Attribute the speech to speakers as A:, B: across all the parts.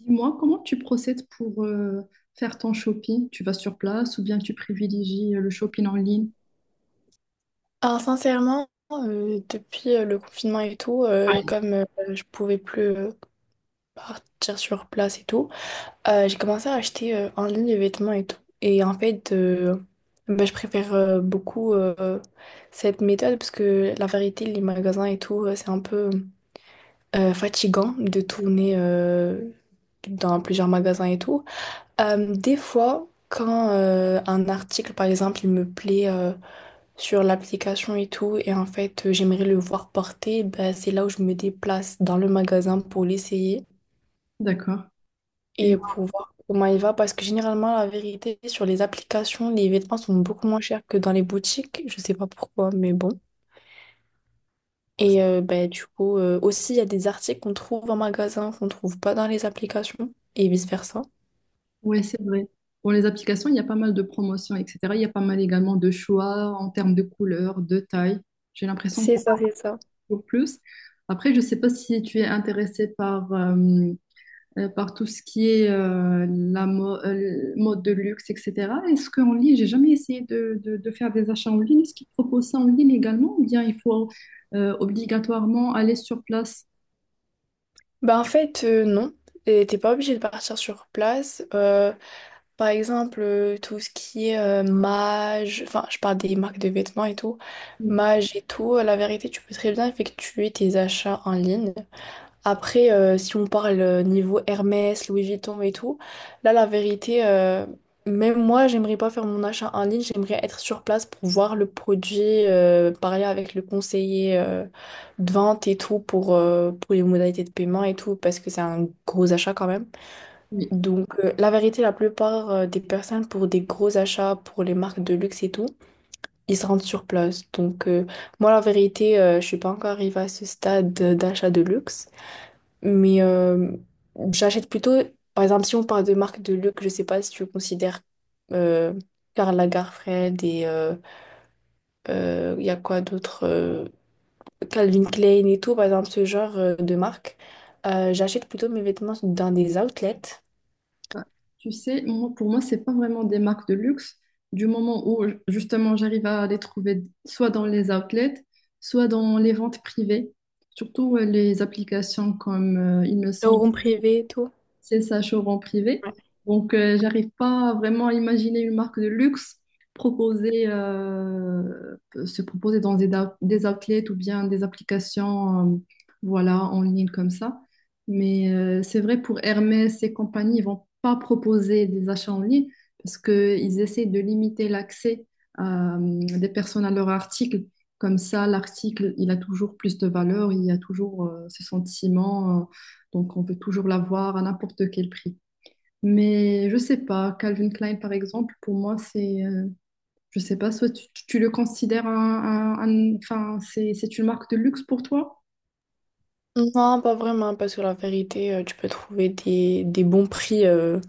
A: Dis-moi, comment tu procèdes pour faire ton shopping? Tu vas sur place ou bien tu privilégies le shopping en ligne?
B: Alors sincèrement, depuis le confinement et tout,
A: Ouais.
B: comme je pouvais plus partir sur place et tout, j'ai commencé à acheter en ligne les vêtements et tout. Et en fait, bah, je préfère beaucoup cette méthode parce que la vérité, les magasins et tout, c'est un peu fatigant de tourner dans plusieurs magasins et tout. Des fois, quand un article, par exemple, il me plaît sur l'application et tout. Et en fait, j'aimerais le voir porter. Ben, c'est là où je me déplace dans le magasin pour l'essayer
A: D'accord. Et
B: et pour voir comment il va. Parce que généralement, la vérité, sur les applications, les vêtements sont beaucoup moins chers que dans les boutiques. Je sais pas pourquoi, mais bon. Et ben, du coup, aussi, il y a des articles qu'on trouve en magasin, qu'on trouve pas dans les applications et vice-versa.
A: ouais, c'est vrai. Pour les applications, il y a pas mal de promotions, etc. Il y a pas mal également de choix en termes de couleurs, de taille. J'ai l'impression qu'on
B: C'est ça, c'est ça.
A: trouve plus. Après, je ne sais pas si tu es intéressé par par tout ce qui est la mode de luxe, etc. Est-ce qu'en ligne, j'ai jamais essayé de faire des achats en ligne. Est-ce qu'ils proposent ça en ligne également ou bien il faut obligatoirement aller sur place?
B: Bah en fait, non. Et t'es pas obligé de partir sur place. Par exemple, tout ce qui est Mage, enfin, je parle des marques de vêtements et tout. Mage et tout, la vérité, tu peux très bien effectuer tes achats en ligne. Après, si on parle niveau Hermès, Louis Vuitton et tout, là, la vérité, même moi, j'aimerais pas faire mon achat en ligne, j'aimerais être sur place pour voir le produit, parler avec le conseiller de vente et tout pour les modalités de paiement et tout, parce que c'est un gros achat quand même.
A: Oui.
B: Donc, la vérité, la plupart des personnes, pour des gros achats, pour les marques de luxe et tout, ils se rendent sur place. Donc, moi, la vérité, je suis pas encore arrivée à ce stade d'achat de luxe, mais j'achète plutôt, par exemple, si on parle de marques de luxe, je sais pas si tu considères euh, Karl Lagerfeld et il y a quoi d'autre Calvin Klein et tout, par exemple, ce genre de marque. J'achète plutôt mes vêtements dans des outlets,
A: Bah, tu sais, moi, pour moi, c'est pas vraiment des marques de luxe. Du moment où justement j'arrive à les trouver soit dans les outlets, soit dans les ventes privées, surtout les applications comme, il me semble,
B: showroom privé et tout.
A: c'est ça, showroom privé. Donc, j'arrive pas vraiment à imaginer une marque de luxe proposer, se proposer dans des outlets ou bien des applications, voilà, en ligne comme ça. Mais c'est vrai, pour Hermès et compagnie, ils vont pas proposer des achats en ligne parce qu'ils essaient de limiter l'accès euh, des personnes à leur article. Comme ça, l'article, il a toujours plus de valeur, il y a toujours ce sentiment. Donc, on veut toujours l'avoir à n'importe quel prix. Mais je sais pas, Calvin Klein, par exemple, pour moi, c'est, je sais pas, soit tu le considères enfin, c'est une marque de luxe pour toi?
B: Non, pas vraiment, parce que la vérité, tu peux trouver des bons prix.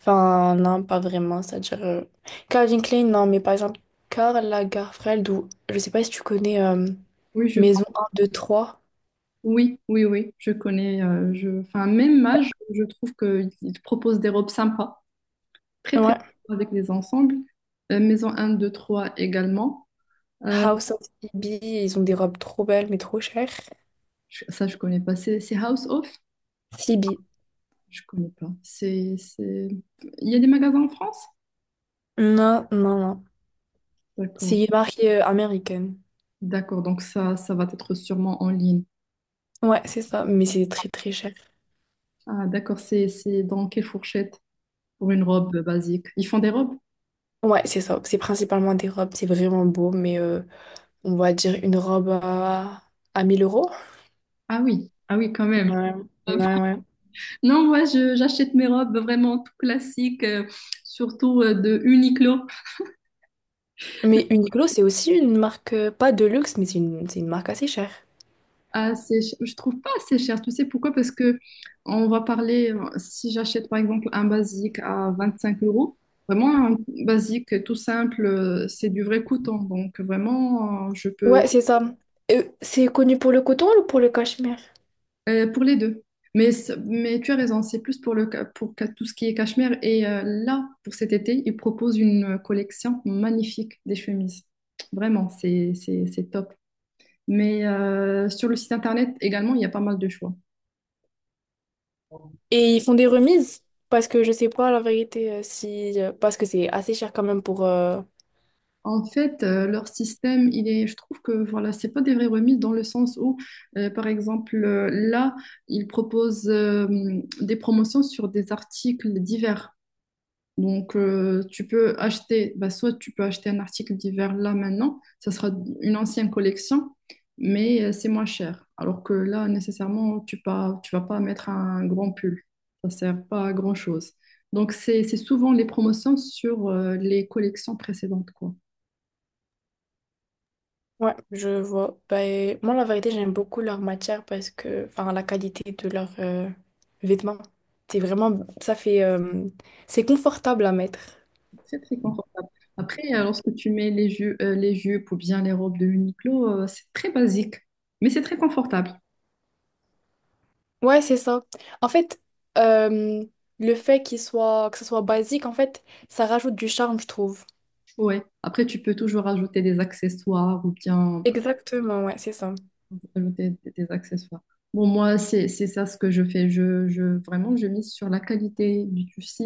B: Enfin, non, pas vraiment. C'est-à-dire, Calvin Klein, non, mais par exemple, Karl Lagerfeld, ou je sais pas si tu connais
A: Oui,
B: Maison 123.
A: oui, oui, oui, je connais, enfin, même âge, je trouve qu'ils te proposent des robes sympas, très, très
B: Ouais.
A: sympas avec des ensembles. Maison un 2 3 également. Euh,
B: House of Phoebe, ils ont des robes trop belles, mais trop chères.
A: Ça, je connais pas. C'est House Off?
B: Phoebe.
A: Je connais pas. C'est... Il y a des magasins en France?
B: Non, non, non. C'est
A: D'accord.
B: une marque américaine.
A: D'accord, donc ça va être sûrement en ligne.
B: Ouais, c'est ça, mais c'est très très cher.
A: Ah, d'accord, c'est dans quelle fourchette pour une robe basique? Ils font des robes?
B: Ouais, c'est ça. C'est principalement des robes, c'est vraiment beau, mais on va dire une robe à 1000 euros.
A: Ah oui, ah oui, quand même.
B: Ouais, ouais, ouais.
A: Non, moi, j'achète mes robes vraiment tout classiques, surtout de Uniqlo.
B: Mais Uniqlo, c'est aussi une marque, pas de luxe, mais c'est une marque assez chère.
A: Ah, je trouve pas assez cher. Tu sais pourquoi? Parce que on va parler, si j'achète par exemple un basique à 25 euros, vraiment un basique tout simple, c'est du vrai coton. Donc vraiment, je peux.
B: Ouais, c'est ça. C'est connu pour le coton ou pour le cachemire?
A: Pour les deux. Mais, mais tu as raison, c'est plus pour, le, ca- pour ca- tout ce qui est cachemire. Et là, pour cet été, ils proposent une collection magnifique des chemises. Vraiment, c'est top. Mais sur le site internet également, il y a pas mal de choix.
B: Et ils font des remises, parce que je sais pas la vérité si parce que c'est assez cher quand même pour.
A: En fait, leur système, je trouve que voilà, c'est pas des vraies remises dans le sens où, par exemple, là, ils proposent des promotions sur des articles divers. Donc, tu peux acheter, bah, soit tu peux acheter un article d'hiver là maintenant, ça sera une ancienne collection, mais c'est moins cher. Alors que là, nécessairement, tu vas pas mettre un grand pull. Ça sert pas à grand-chose. Donc, c'est souvent les promotions sur les collections précédentes, quoi.
B: Ouais, je vois. Ben, moi, la vérité, j'aime beaucoup leur matière parce que. Enfin, la qualité de leurs vêtements. C'est vraiment. Ça fait. C'est confortable à mettre.
A: C'est très, très confortable. Après, lorsque tu mets les les jupes ou bien les robes de Uniqlo, c'est très basique, mais c'est très confortable.
B: Ouais, c'est ça. En fait, euh, le fait que ce soit basique, en fait, ça rajoute du charme, je trouve.
A: Ouais. Après, tu peux toujours ajouter des accessoires ou bien
B: Exactement, ouais, c'est ça.
A: pour ajouter des accessoires. Bon, moi, c'est ça ce que je fais. Vraiment, je mise sur la qualité du tissu,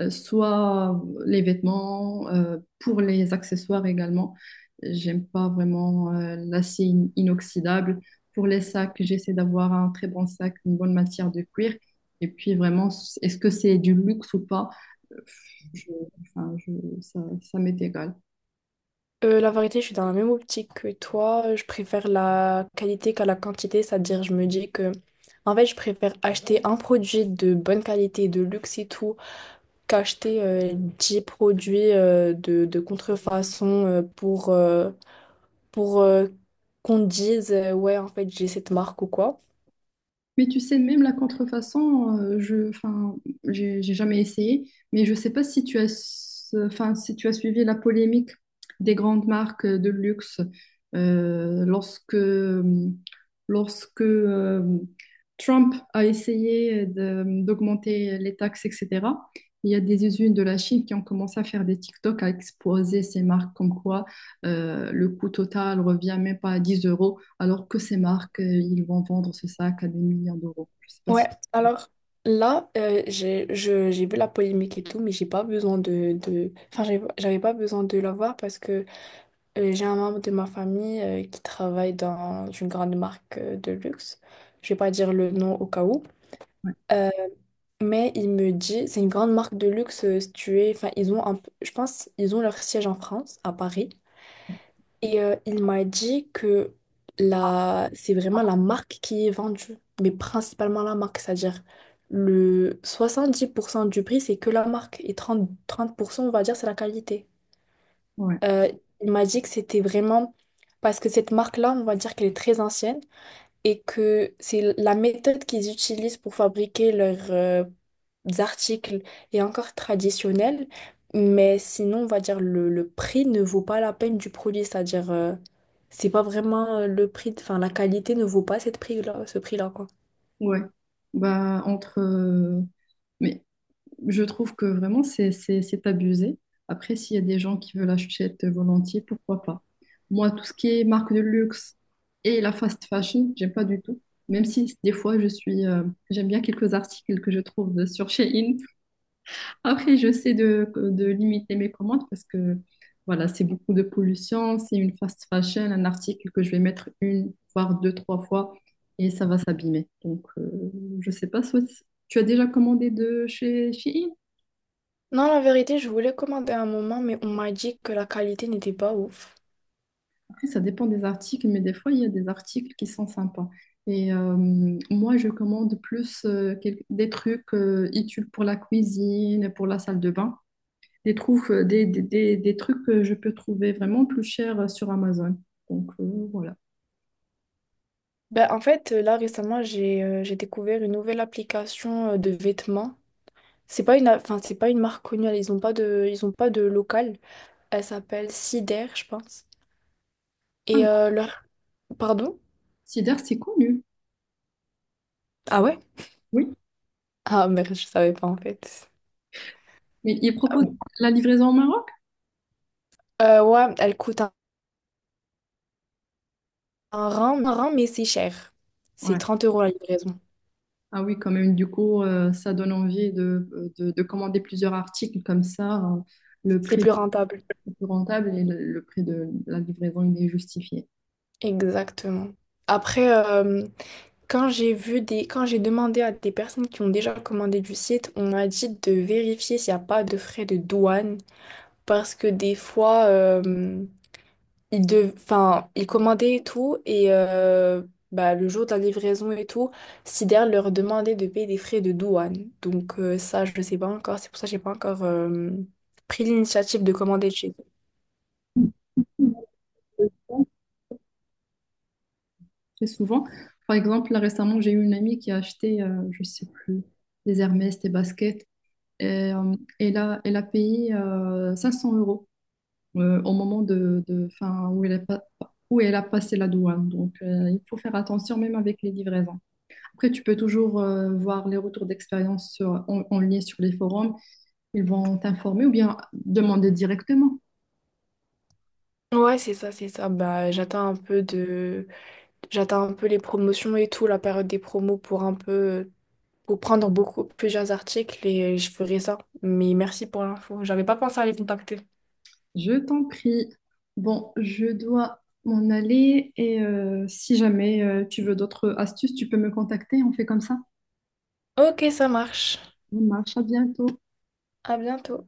A: soit les vêtements, pour les accessoires également. J'aime pas vraiment l'acier inoxydable. Pour les sacs, j'essaie d'avoir un très bon sac, une bonne matière de cuir. Et puis, vraiment, est-ce que c'est du luxe ou pas? Euh, Je, enfin, ça, ça m'est égal.
B: La vérité, je suis dans la même optique que toi. Je préfère la qualité qu'à la quantité, c'est-à-dire, je me dis que, en fait, je préfère acheter un produit de bonne qualité, de luxe et tout, qu'acheter 10 produits de contrefaçon pour qu'on dise, ouais, en fait, j'ai cette marque ou quoi.
A: Mais tu sais, même la contrefaçon, enfin, j'ai jamais essayé, mais je sais pas si tu as, enfin, si tu as suivi la polémique des grandes marques de luxe euh, lorsque, lorsque Trump a essayé d'augmenter les taxes, etc. Il y a des usines de la Chine qui ont commencé à faire des TikTok, à exposer ces marques comme quoi le coût total revient même pas à 10 euros alors que ces marques, ils vont vendre ce sac à des millions d'euros. Je sais pas
B: Ouais,
A: si...
B: alors là, j'ai vu la polémique et tout, mais j'ai pas besoin de... Enfin, j'avais pas besoin de la voir parce que j'ai un membre de ma famille qui travaille dans une grande marque de luxe. Je vais pas dire le nom au cas où. Euh, mais il me dit, c'est une grande marque de luxe située. Enfin, ils ont un je pense ils ont leur siège en France, à Paris. Et il m'a dit que la... c'est vraiment la marque qui est vendue, mais principalement la marque, c'est-à-dire le 70% du prix, c'est que la marque, et trente pour cent on va dire, c'est la qualité.
A: Ouais,
B: Euh, il m'a dit que c'était vraiment parce que cette marque-là, on va dire qu'elle est très ancienne, et que c'est la méthode qu'ils utilisent pour fabriquer leurs articles est encore traditionnelle, mais sinon, on va dire le prix ne vaut pas la peine du produit, c'est-à-dire c'est pas vraiment le prix, enfin la qualité ne vaut pas ce prix-là, quoi.
A: ouais. Bah, entre... mais je trouve que vraiment, c'est abusé. Après, s'il y a des gens qui veulent acheter volontiers, pourquoi pas? Moi, tout ce qui est marque de luxe et la fast fashion, j'aime pas du tout. Même si des fois, j'aime bien quelques articles que je trouve sur Shein. Après, j'essaie de limiter mes commandes parce que voilà, c'est beaucoup de pollution. C'est une fast fashion, un article que je vais mettre une, voire deux, trois fois et ça va s'abîmer. Donc, je sais pas, soit tu as déjà commandé de chez Shein?
B: Non, la vérité, je voulais commander un moment, mais on m'a dit que la qualité n'était pas ouf.
A: Après, ça dépend des articles, mais des fois, il y a des articles qui sont sympas. Et moi, je commande plus des trucs utiles pour la cuisine, pour la salle de bain. Des, trouves- des trucs que je peux trouver vraiment plus chers sur Amazon. Donc voilà.
B: Ben, en fait, là récemment, j'ai découvert une nouvelle application de vêtements. C'est pas une, a- Enfin, c'est pas une marque connue, ils ont pas de local. Elle s'appelle Cider, je pense.
A: Ah
B: Et
A: oui,
B: leur. Pardon?
A: Sidar, c'est connu.
B: Ah ouais?
A: Oui.
B: Ah merde, je savais pas en fait.
A: Mais il
B: Ah
A: propose
B: bon.
A: la livraison au Maroc?
B: Ouais, elle coûte un rang, mais c'est cher. C'est
A: Ouais.
B: 30 € la livraison.
A: Ah oui, quand même. Du coup, ça donne envie de commander plusieurs articles comme ça. Le
B: C'est
A: prix
B: plus rentable.
A: est plus rentable et le prix de la livraison, il est justifié.
B: Exactement. Après, quand j'ai demandé à des personnes qui ont déjà commandé du site, on m'a dit de vérifier s'il n'y a pas de frais de douane. Parce que des fois, il dev... enfin, ils commandaient et tout, et bah, le jour de la livraison et tout, Sider leur demandait de payer des frais de douane. Donc ça, je ne sais pas encore, c'est pour ça que j'ai pas encore pris l'initiative de commander de chez eux.
A: Très souvent. Par exemple, là récemment, j'ai eu une amie qui a acheté, je sais plus, des Hermès, des baskets. Et, elle a payé 500 euros au moment enfin, où elle a pas- où elle a passé la douane. Donc, il faut faire attention même avec les livraisons. Après, tu peux toujours voir les retours d'expérience en, en ligne sur les forums. Ils vont t'informer ou bien demander directement.
B: Ouais, c'est ça, c'est ça. Bah, j'attends un peu les promotions et tout, la période des promos pour un peu... pour prendre plusieurs articles et je ferai ça. Mais merci pour l'info, j'avais pas pensé à les contacter.
A: Je t'en prie. Bon, je dois m'en aller et si jamais tu veux d'autres astuces, tu peux me contacter. On fait comme ça.
B: Ok, ça marche.
A: On marche. À bientôt.
B: À bientôt.